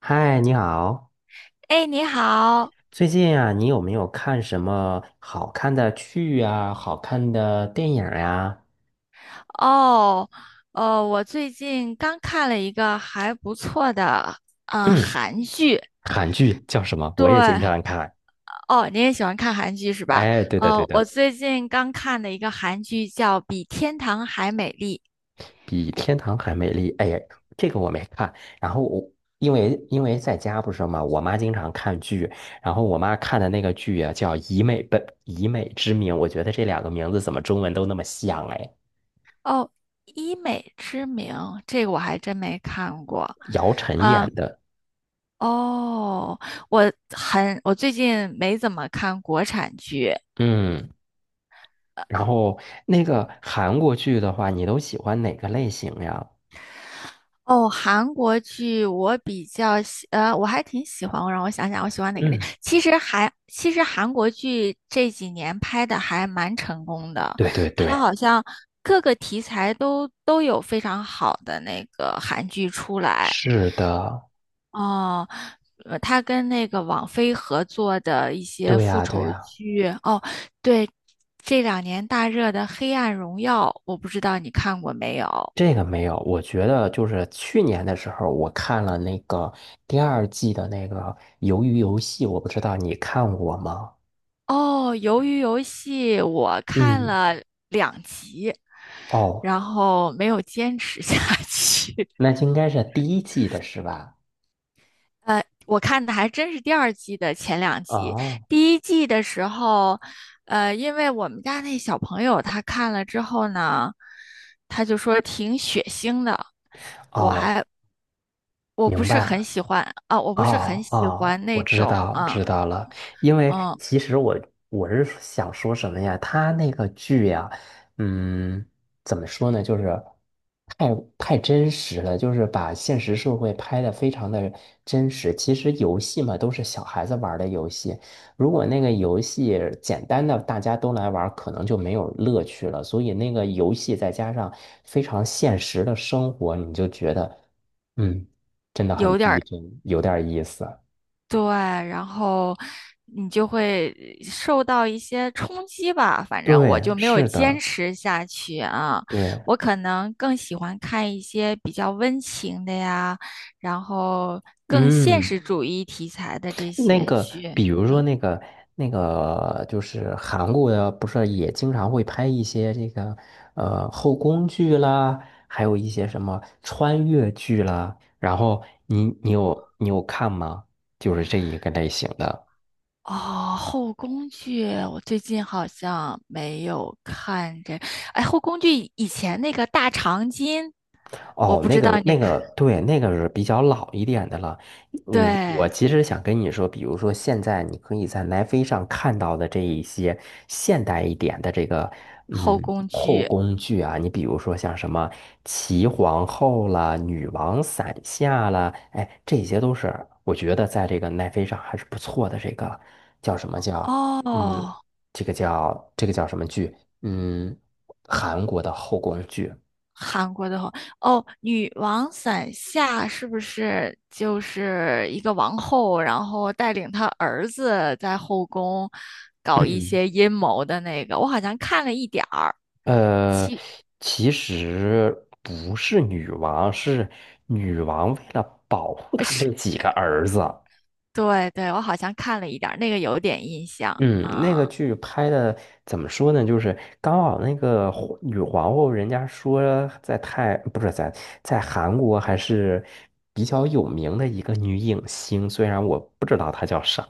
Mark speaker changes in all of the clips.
Speaker 1: 嗨，你好。
Speaker 2: 哎，你好。
Speaker 1: 最近啊，你有没有看什么好看的剧啊？好看的电影呀？
Speaker 2: 哦，我最近刚看了一个还不错的
Speaker 1: 嗯，
Speaker 2: 韩剧。
Speaker 1: 韩剧叫什么？
Speaker 2: 对。
Speaker 1: 我也经常看。
Speaker 2: 哦，你也喜欢看韩剧是吧？
Speaker 1: 哎，对的，对
Speaker 2: 我
Speaker 1: 的，
Speaker 2: 最近刚看的一个韩剧叫《比天堂还美丽》。
Speaker 1: 比天堂还美丽。哎呀，这个我没看。然后我因为在家不是嘛，我妈经常看剧，然后我妈看的那个剧啊，叫《以美之名》，我觉得这两个名字怎么中文都那么像哎，
Speaker 2: 哦，《医美之名》这个我还真没看过。
Speaker 1: 姚晨
Speaker 2: 啊、
Speaker 1: 演的。
Speaker 2: 哦，我我最近没怎么看国产剧。
Speaker 1: 嗯。然后那个韩国剧的话，你都喜欢哪个类型呀？
Speaker 2: 哦，韩国剧我比较喜，呃，我还挺喜欢。让我想想，我喜欢哪个类？
Speaker 1: 嗯，
Speaker 2: 其实韩国剧这几年拍的还蛮成功的，
Speaker 1: 对对
Speaker 2: 它
Speaker 1: 对，
Speaker 2: 好像各个题材都有非常好的那个韩剧出来。
Speaker 1: 是的，
Speaker 2: 哦，它跟那个网飞合作的一些
Speaker 1: 对
Speaker 2: 复
Speaker 1: 呀对
Speaker 2: 仇
Speaker 1: 呀，
Speaker 2: 剧。哦，对，这2年大热的《黑暗荣耀》，我不知道你看过没有？
Speaker 1: 这个没有。我觉得就是去年的时候，我看了那个第二季的那个《鱿鱼游戏》，我不知道你看过吗？
Speaker 2: 哦，鱿鱼游戏我看
Speaker 1: 嗯，
Speaker 2: 了两集，
Speaker 1: 哦，
Speaker 2: 然后没有坚持下 去。
Speaker 1: 那应该是第一季的是吧？
Speaker 2: 我看的还真是第二季的前2集。
Speaker 1: 哦，
Speaker 2: 第一季的时候，因为我们家那小朋友他看了之后呢，他就说挺血腥的，我
Speaker 1: 哦，
Speaker 2: 还我不
Speaker 1: 明
Speaker 2: 是很
Speaker 1: 白。
Speaker 2: 喜欢啊，我不是很
Speaker 1: 哦
Speaker 2: 喜
Speaker 1: 哦，
Speaker 2: 欢
Speaker 1: 我
Speaker 2: 那
Speaker 1: 知
Speaker 2: 种。
Speaker 1: 道
Speaker 2: 嗯
Speaker 1: 知道了，因为
Speaker 2: 嗯。
Speaker 1: 其实我是想说什么呀？他那个剧呀，嗯，怎么说呢？就是太真实了，就是把现实社会拍得非常的真实。其实游戏嘛，都是小孩子玩儿的游戏，如果那个游戏简单的大家都来玩儿可能就没有乐趣了。所以那个游戏再加上非常现实的生活，你就觉得。嗯。真的很
Speaker 2: 有点
Speaker 1: 逼
Speaker 2: 儿。
Speaker 1: 真，有点意思。
Speaker 2: 对，然后你就会受到一些冲击吧。反正我
Speaker 1: 对，
Speaker 2: 就没有
Speaker 1: 是
Speaker 2: 坚
Speaker 1: 的，
Speaker 2: 持下去啊。
Speaker 1: 对，
Speaker 2: 我可能更喜欢看一些比较温情的呀，然后更现
Speaker 1: 嗯，
Speaker 2: 实主义题材的这
Speaker 1: 那
Speaker 2: 些
Speaker 1: 个，
Speaker 2: 剧。
Speaker 1: 比如说
Speaker 2: 嗯，
Speaker 1: 那个，就是韩国的，不是也经常会拍一些这个后宫剧啦，还有一些什么穿越剧啦。然后你有看吗？就是这一个类型的。
Speaker 2: 哦，后宫剧我最近好像没有看这。哎，后宫剧以前那个《大长今》，我
Speaker 1: 哦，
Speaker 2: 不
Speaker 1: 那
Speaker 2: 知道
Speaker 1: 个
Speaker 2: 你
Speaker 1: 那
Speaker 2: 看。
Speaker 1: 个，对，那个是比较老一点的了。我
Speaker 2: 对，
Speaker 1: 其实想跟你说，比如说现在你可以在奈飞上看到的这一些现代一点的这个
Speaker 2: 后宫
Speaker 1: 后
Speaker 2: 剧
Speaker 1: 宫剧啊，你比如说像什么齐皇后啦、女王伞下啦，哎，这些都是我觉得在这个奈飞上还是不错的。这个叫什么叫嗯，
Speaker 2: 哦。
Speaker 1: 这个叫什么剧？嗯，韩国的后宫剧。
Speaker 2: 韩国的话，哦，女王伞下是不是就是一个王后，然后带领她儿子在后宫搞一
Speaker 1: 嗯
Speaker 2: 些阴谋的那个？我好像看了一点儿。
Speaker 1: 呃，
Speaker 2: 其
Speaker 1: 其实不是女王，是女王为了保护
Speaker 2: 呃
Speaker 1: 她
Speaker 2: 是
Speaker 1: 这几个儿子。
Speaker 2: 对对，我好像看了一点儿，那个有点印象
Speaker 1: 嗯，那个
Speaker 2: 啊。
Speaker 1: 剧拍的怎么说呢？就是刚好那个皇后，人家说在泰不是在在韩国还是比较有名的一个女影星，虽然我不知道她叫啥。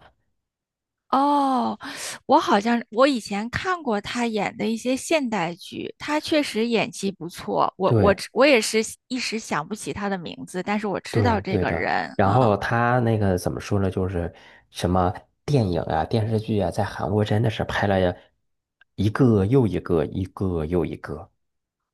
Speaker 2: 哦，我好像以前看过她演的一些现代剧，她确实演技不错。我我
Speaker 1: 对，
Speaker 2: 只我也是一时想不起她的名字，但是我知道
Speaker 1: 对
Speaker 2: 这
Speaker 1: 对
Speaker 2: 个
Speaker 1: 的，
Speaker 2: 人
Speaker 1: 然
Speaker 2: 啊。
Speaker 1: 后他那个怎么说呢？就是什么电影啊、电视剧啊，在韩国真的是拍了一个又一个，一个又一个。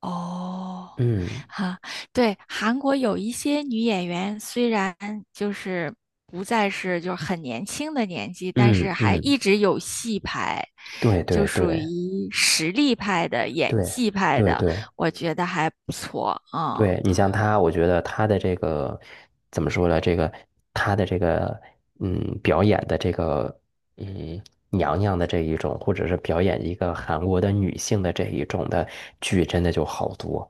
Speaker 2: 哦，
Speaker 1: 嗯
Speaker 2: 哈，对，韩国有一些女演员，虽然就是不再是就是很年轻的年纪，但是
Speaker 1: 嗯
Speaker 2: 还
Speaker 1: 嗯，
Speaker 2: 一直有戏拍，
Speaker 1: 对
Speaker 2: 就
Speaker 1: 对
Speaker 2: 属
Speaker 1: 对
Speaker 2: 于实力派的、演
Speaker 1: 对
Speaker 2: 技派
Speaker 1: 对
Speaker 2: 的，
Speaker 1: 对
Speaker 2: 我觉得还不错啊。嗯
Speaker 1: 对，你像他，我觉得他的这个怎么说呢？这个他的这个表演的这个嗯，娘娘的这一种，或者是表演一个韩国的女性的这一种的剧，真的就好多。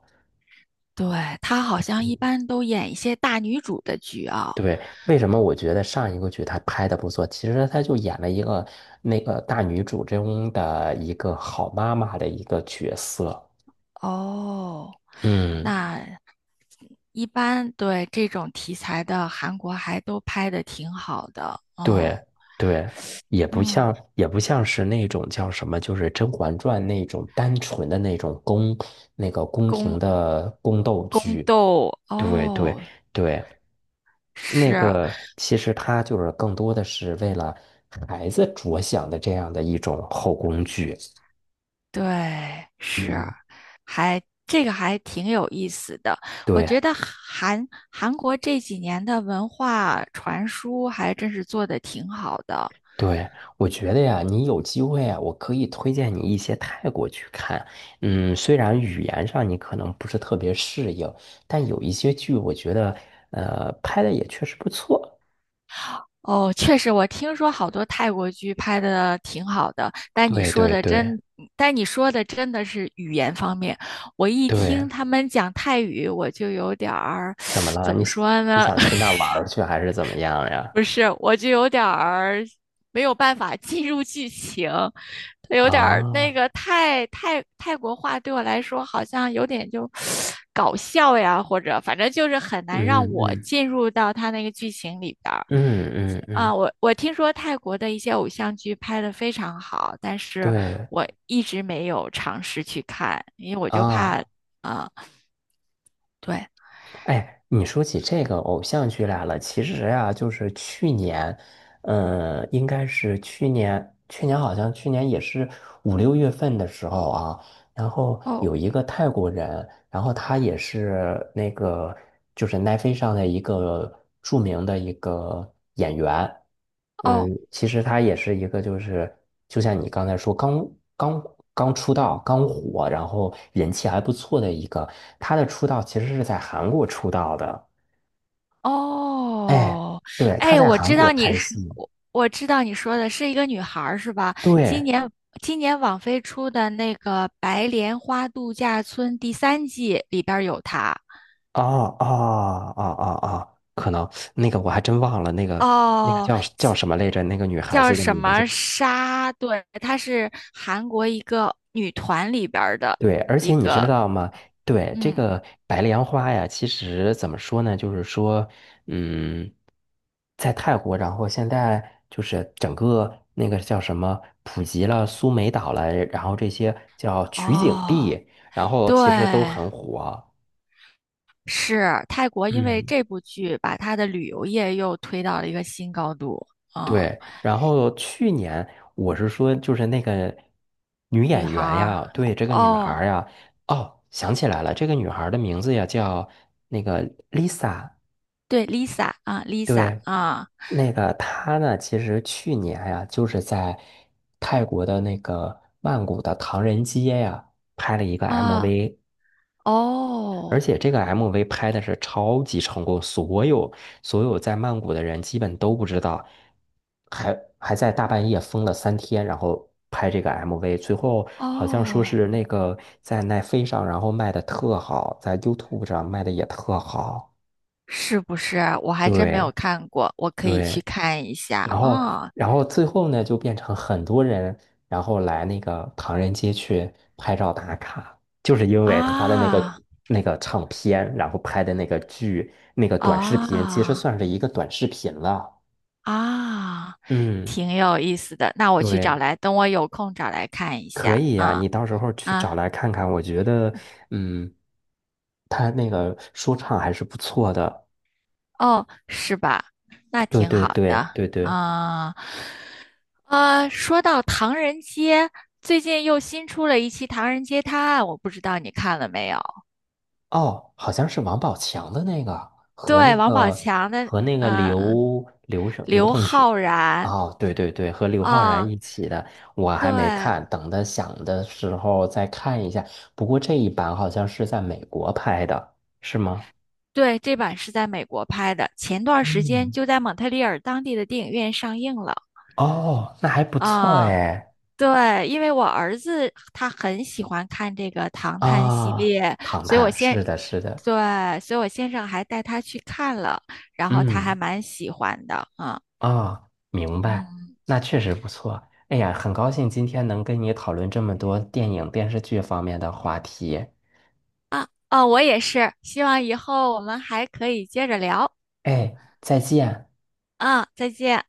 Speaker 2: 对，她好像一般都演一些大女主的剧啊。
Speaker 1: 对，为什么我觉得上一个剧他拍的不错？其实他就演了一个那个大女主中的一个好妈妈的一个角色。
Speaker 2: 哦，
Speaker 1: 嗯，
Speaker 2: 那一般对这种题材的韩国还都拍的挺好的。嗯。
Speaker 1: 对对，也不
Speaker 2: 嗯。
Speaker 1: 像也不像是那种叫什么，就是《甄嬛传》那种单纯的那种那个宫
Speaker 2: 宫
Speaker 1: 廷的宫斗
Speaker 2: 宫
Speaker 1: 剧。
Speaker 2: 斗
Speaker 1: 对对
Speaker 2: 哦。
Speaker 1: 对，那
Speaker 2: 是。
Speaker 1: 个其实他就是更多的是为了孩子着想的这样的一种后宫剧。
Speaker 2: 对。是。
Speaker 1: 嗯，
Speaker 2: 还这个还挺有意思的。我
Speaker 1: 对。
Speaker 2: 觉得韩国这几年的文化传输还真是做的挺好的。
Speaker 1: 对，我觉得呀，你有机会啊，我可以推荐你一些泰国去看。嗯，虽然语言上你可能不是特别适应，但有一些剧我觉得，拍的也确实不错。
Speaker 2: 哦，确实，我听说好多泰国剧拍的挺好的，
Speaker 1: 对对对
Speaker 2: 但你说的真的是语言方面。我一
Speaker 1: 对，
Speaker 2: 听他们讲泰语，我就有点儿，
Speaker 1: 怎么 了？
Speaker 2: 怎
Speaker 1: 你
Speaker 2: 么
Speaker 1: 想
Speaker 2: 说
Speaker 1: 你
Speaker 2: 呢？
Speaker 1: 想去那儿玩儿去，还是怎么样呀？
Speaker 2: 不是，我就有点儿没有办法进入剧情。他有点儿
Speaker 1: 啊，
Speaker 2: 那个泰国话对我来说好像有点就 搞笑呀，或者反正就是很难让
Speaker 1: 嗯
Speaker 2: 我
Speaker 1: 嗯
Speaker 2: 进入到他那个剧情里边儿。
Speaker 1: 嗯嗯
Speaker 2: 啊，
Speaker 1: 嗯，
Speaker 2: 我听说泰国的一些偶像剧拍的非常好，但是
Speaker 1: 对
Speaker 2: 我一直没有尝试去看，因为我就怕。
Speaker 1: 啊。
Speaker 2: 啊、对，
Speaker 1: 哎，你说起这个偶像剧来了，其实呀、就是去年，嗯，应该是去年，去年好像去年也是五六月份的时候啊，然后
Speaker 2: 哦
Speaker 1: 有一个泰国人，然后他也是那个就是奈飞上的一个著名的一个演员，
Speaker 2: 哦，
Speaker 1: 嗯，其实他也是一个，就是就像你刚才说，刚刚出道、刚火，然后人气还不错的一个。他的出道其实是在韩国出道的。哎，
Speaker 2: 哦，
Speaker 1: 对，他
Speaker 2: 哎。
Speaker 1: 在韩国拍戏。
Speaker 2: 我知道你说的是一个女孩儿是吧？今
Speaker 1: 对，
Speaker 2: 年今年网飞出的那个《白莲花度假村》第三季里边儿有她。
Speaker 1: 哦哦哦哦哦，可能那个我还真忘了那个
Speaker 2: 哦，
Speaker 1: 叫什么来着？那个女孩
Speaker 2: 叫
Speaker 1: 子的
Speaker 2: 什
Speaker 1: 名
Speaker 2: 么
Speaker 1: 字。
Speaker 2: 沙？对，她是韩国一个女团里边儿的
Speaker 1: 对，而
Speaker 2: 一
Speaker 1: 且你知
Speaker 2: 个。
Speaker 1: 道吗？对，这
Speaker 2: 嗯，
Speaker 1: 个白莲花呀，其实怎么说呢？就是说，嗯，在泰国，然后现在就是整个那个叫什么，普及了苏梅岛了，然后这些叫取景
Speaker 2: 哦，
Speaker 1: 地，然后
Speaker 2: 对，
Speaker 1: 其实都很火。
Speaker 2: 是泰国，因为
Speaker 1: 嗯，
Speaker 2: 这部剧把她的旅游业又推到了一个新高度。嗯
Speaker 1: 对。然后去年我是说，就是那个女
Speaker 2: 女
Speaker 1: 演
Speaker 2: 孩
Speaker 1: 员
Speaker 2: 儿，
Speaker 1: 呀，对，这个女孩
Speaker 2: 哦，
Speaker 1: 儿呀，哦，想起来了，这个女孩儿的名字呀叫那个 Lisa。
Speaker 2: 对，Lisa 啊，Lisa
Speaker 1: 对，
Speaker 2: 啊
Speaker 1: 那个他呢，其实去年呀，就是在泰国的那个曼谷的唐人街呀，拍了一个
Speaker 2: 啊。
Speaker 1: MV，而
Speaker 2: 哦
Speaker 1: 且这个 MV 拍的是超级成功，所有在曼谷的人基本都不知道，还在大半夜封了3天，然后拍这个 MV，最后好像说
Speaker 2: 哦，
Speaker 1: 是那个在奈飞上，然后卖的特好，在 YouTube 上卖的也特好，
Speaker 2: 是不是？我还真没有
Speaker 1: 对
Speaker 2: 看过，我可以去
Speaker 1: 对。
Speaker 2: 看一下
Speaker 1: 然后，
Speaker 2: 啊
Speaker 1: 然后，最后呢，就变成很多人，然后来那个唐人街去拍照打卡，就是因为他的那个
Speaker 2: 啊
Speaker 1: 那个唱片，然后拍的那个剧，那个短视频，其实
Speaker 2: 啊
Speaker 1: 算是一个短视频了。
Speaker 2: 啊，
Speaker 1: 嗯，
Speaker 2: 挺有意思的。那我去找
Speaker 1: 对，
Speaker 2: 来，等我有空找来看一
Speaker 1: 可
Speaker 2: 下
Speaker 1: 以呀，
Speaker 2: 啊
Speaker 1: 你到时候去找
Speaker 2: 啊。
Speaker 1: 来看看，我觉得，嗯，他那个说唱还是不错的。
Speaker 2: 哦，是吧？那
Speaker 1: 对
Speaker 2: 挺
Speaker 1: 对
Speaker 2: 好
Speaker 1: 对
Speaker 2: 的
Speaker 1: 对对。
Speaker 2: 啊。啊，说到唐人街，最近又新出了一期《唐人街探案》，我不知道你看了没有？
Speaker 1: 哦，好像是王宝强的那个和
Speaker 2: 对，
Speaker 1: 那
Speaker 2: 王宝
Speaker 1: 个
Speaker 2: 强的，
Speaker 1: 和那个
Speaker 2: 呃，
Speaker 1: 刘
Speaker 2: 刘
Speaker 1: 同学，
Speaker 2: 昊然
Speaker 1: 哦，对对对，和刘昊然
Speaker 2: 啊。
Speaker 1: 一起的，我还没
Speaker 2: 对
Speaker 1: 看，等他想的时候再看一下。不过这一版好像是在美国拍的，是吗？
Speaker 2: 对，这版是在美国拍的，前段时间
Speaker 1: 嗯，
Speaker 2: 就在蒙特利尔当地的电影院上映了
Speaker 1: 哦，那还不错
Speaker 2: 啊。
Speaker 1: 哎。
Speaker 2: 对，因为我儿子他很喜欢看这个《唐探》系
Speaker 1: 啊，
Speaker 2: 列。
Speaker 1: 唐
Speaker 2: 所以我
Speaker 1: 探，
Speaker 2: 先，
Speaker 1: 是的，是的，
Speaker 2: 对，所以我先生还带他去看了，然后他还
Speaker 1: 嗯。
Speaker 2: 蛮喜欢的啊。
Speaker 1: 啊，明白，
Speaker 2: 嗯
Speaker 1: 那确实不错。哎呀，很高兴今天能跟你讨论这么多电影、电视剧方面的话题。
Speaker 2: 啊哦，我也是，希望以后我们还可以接着聊。
Speaker 1: 哎，再见。
Speaker 2: 啊，再见。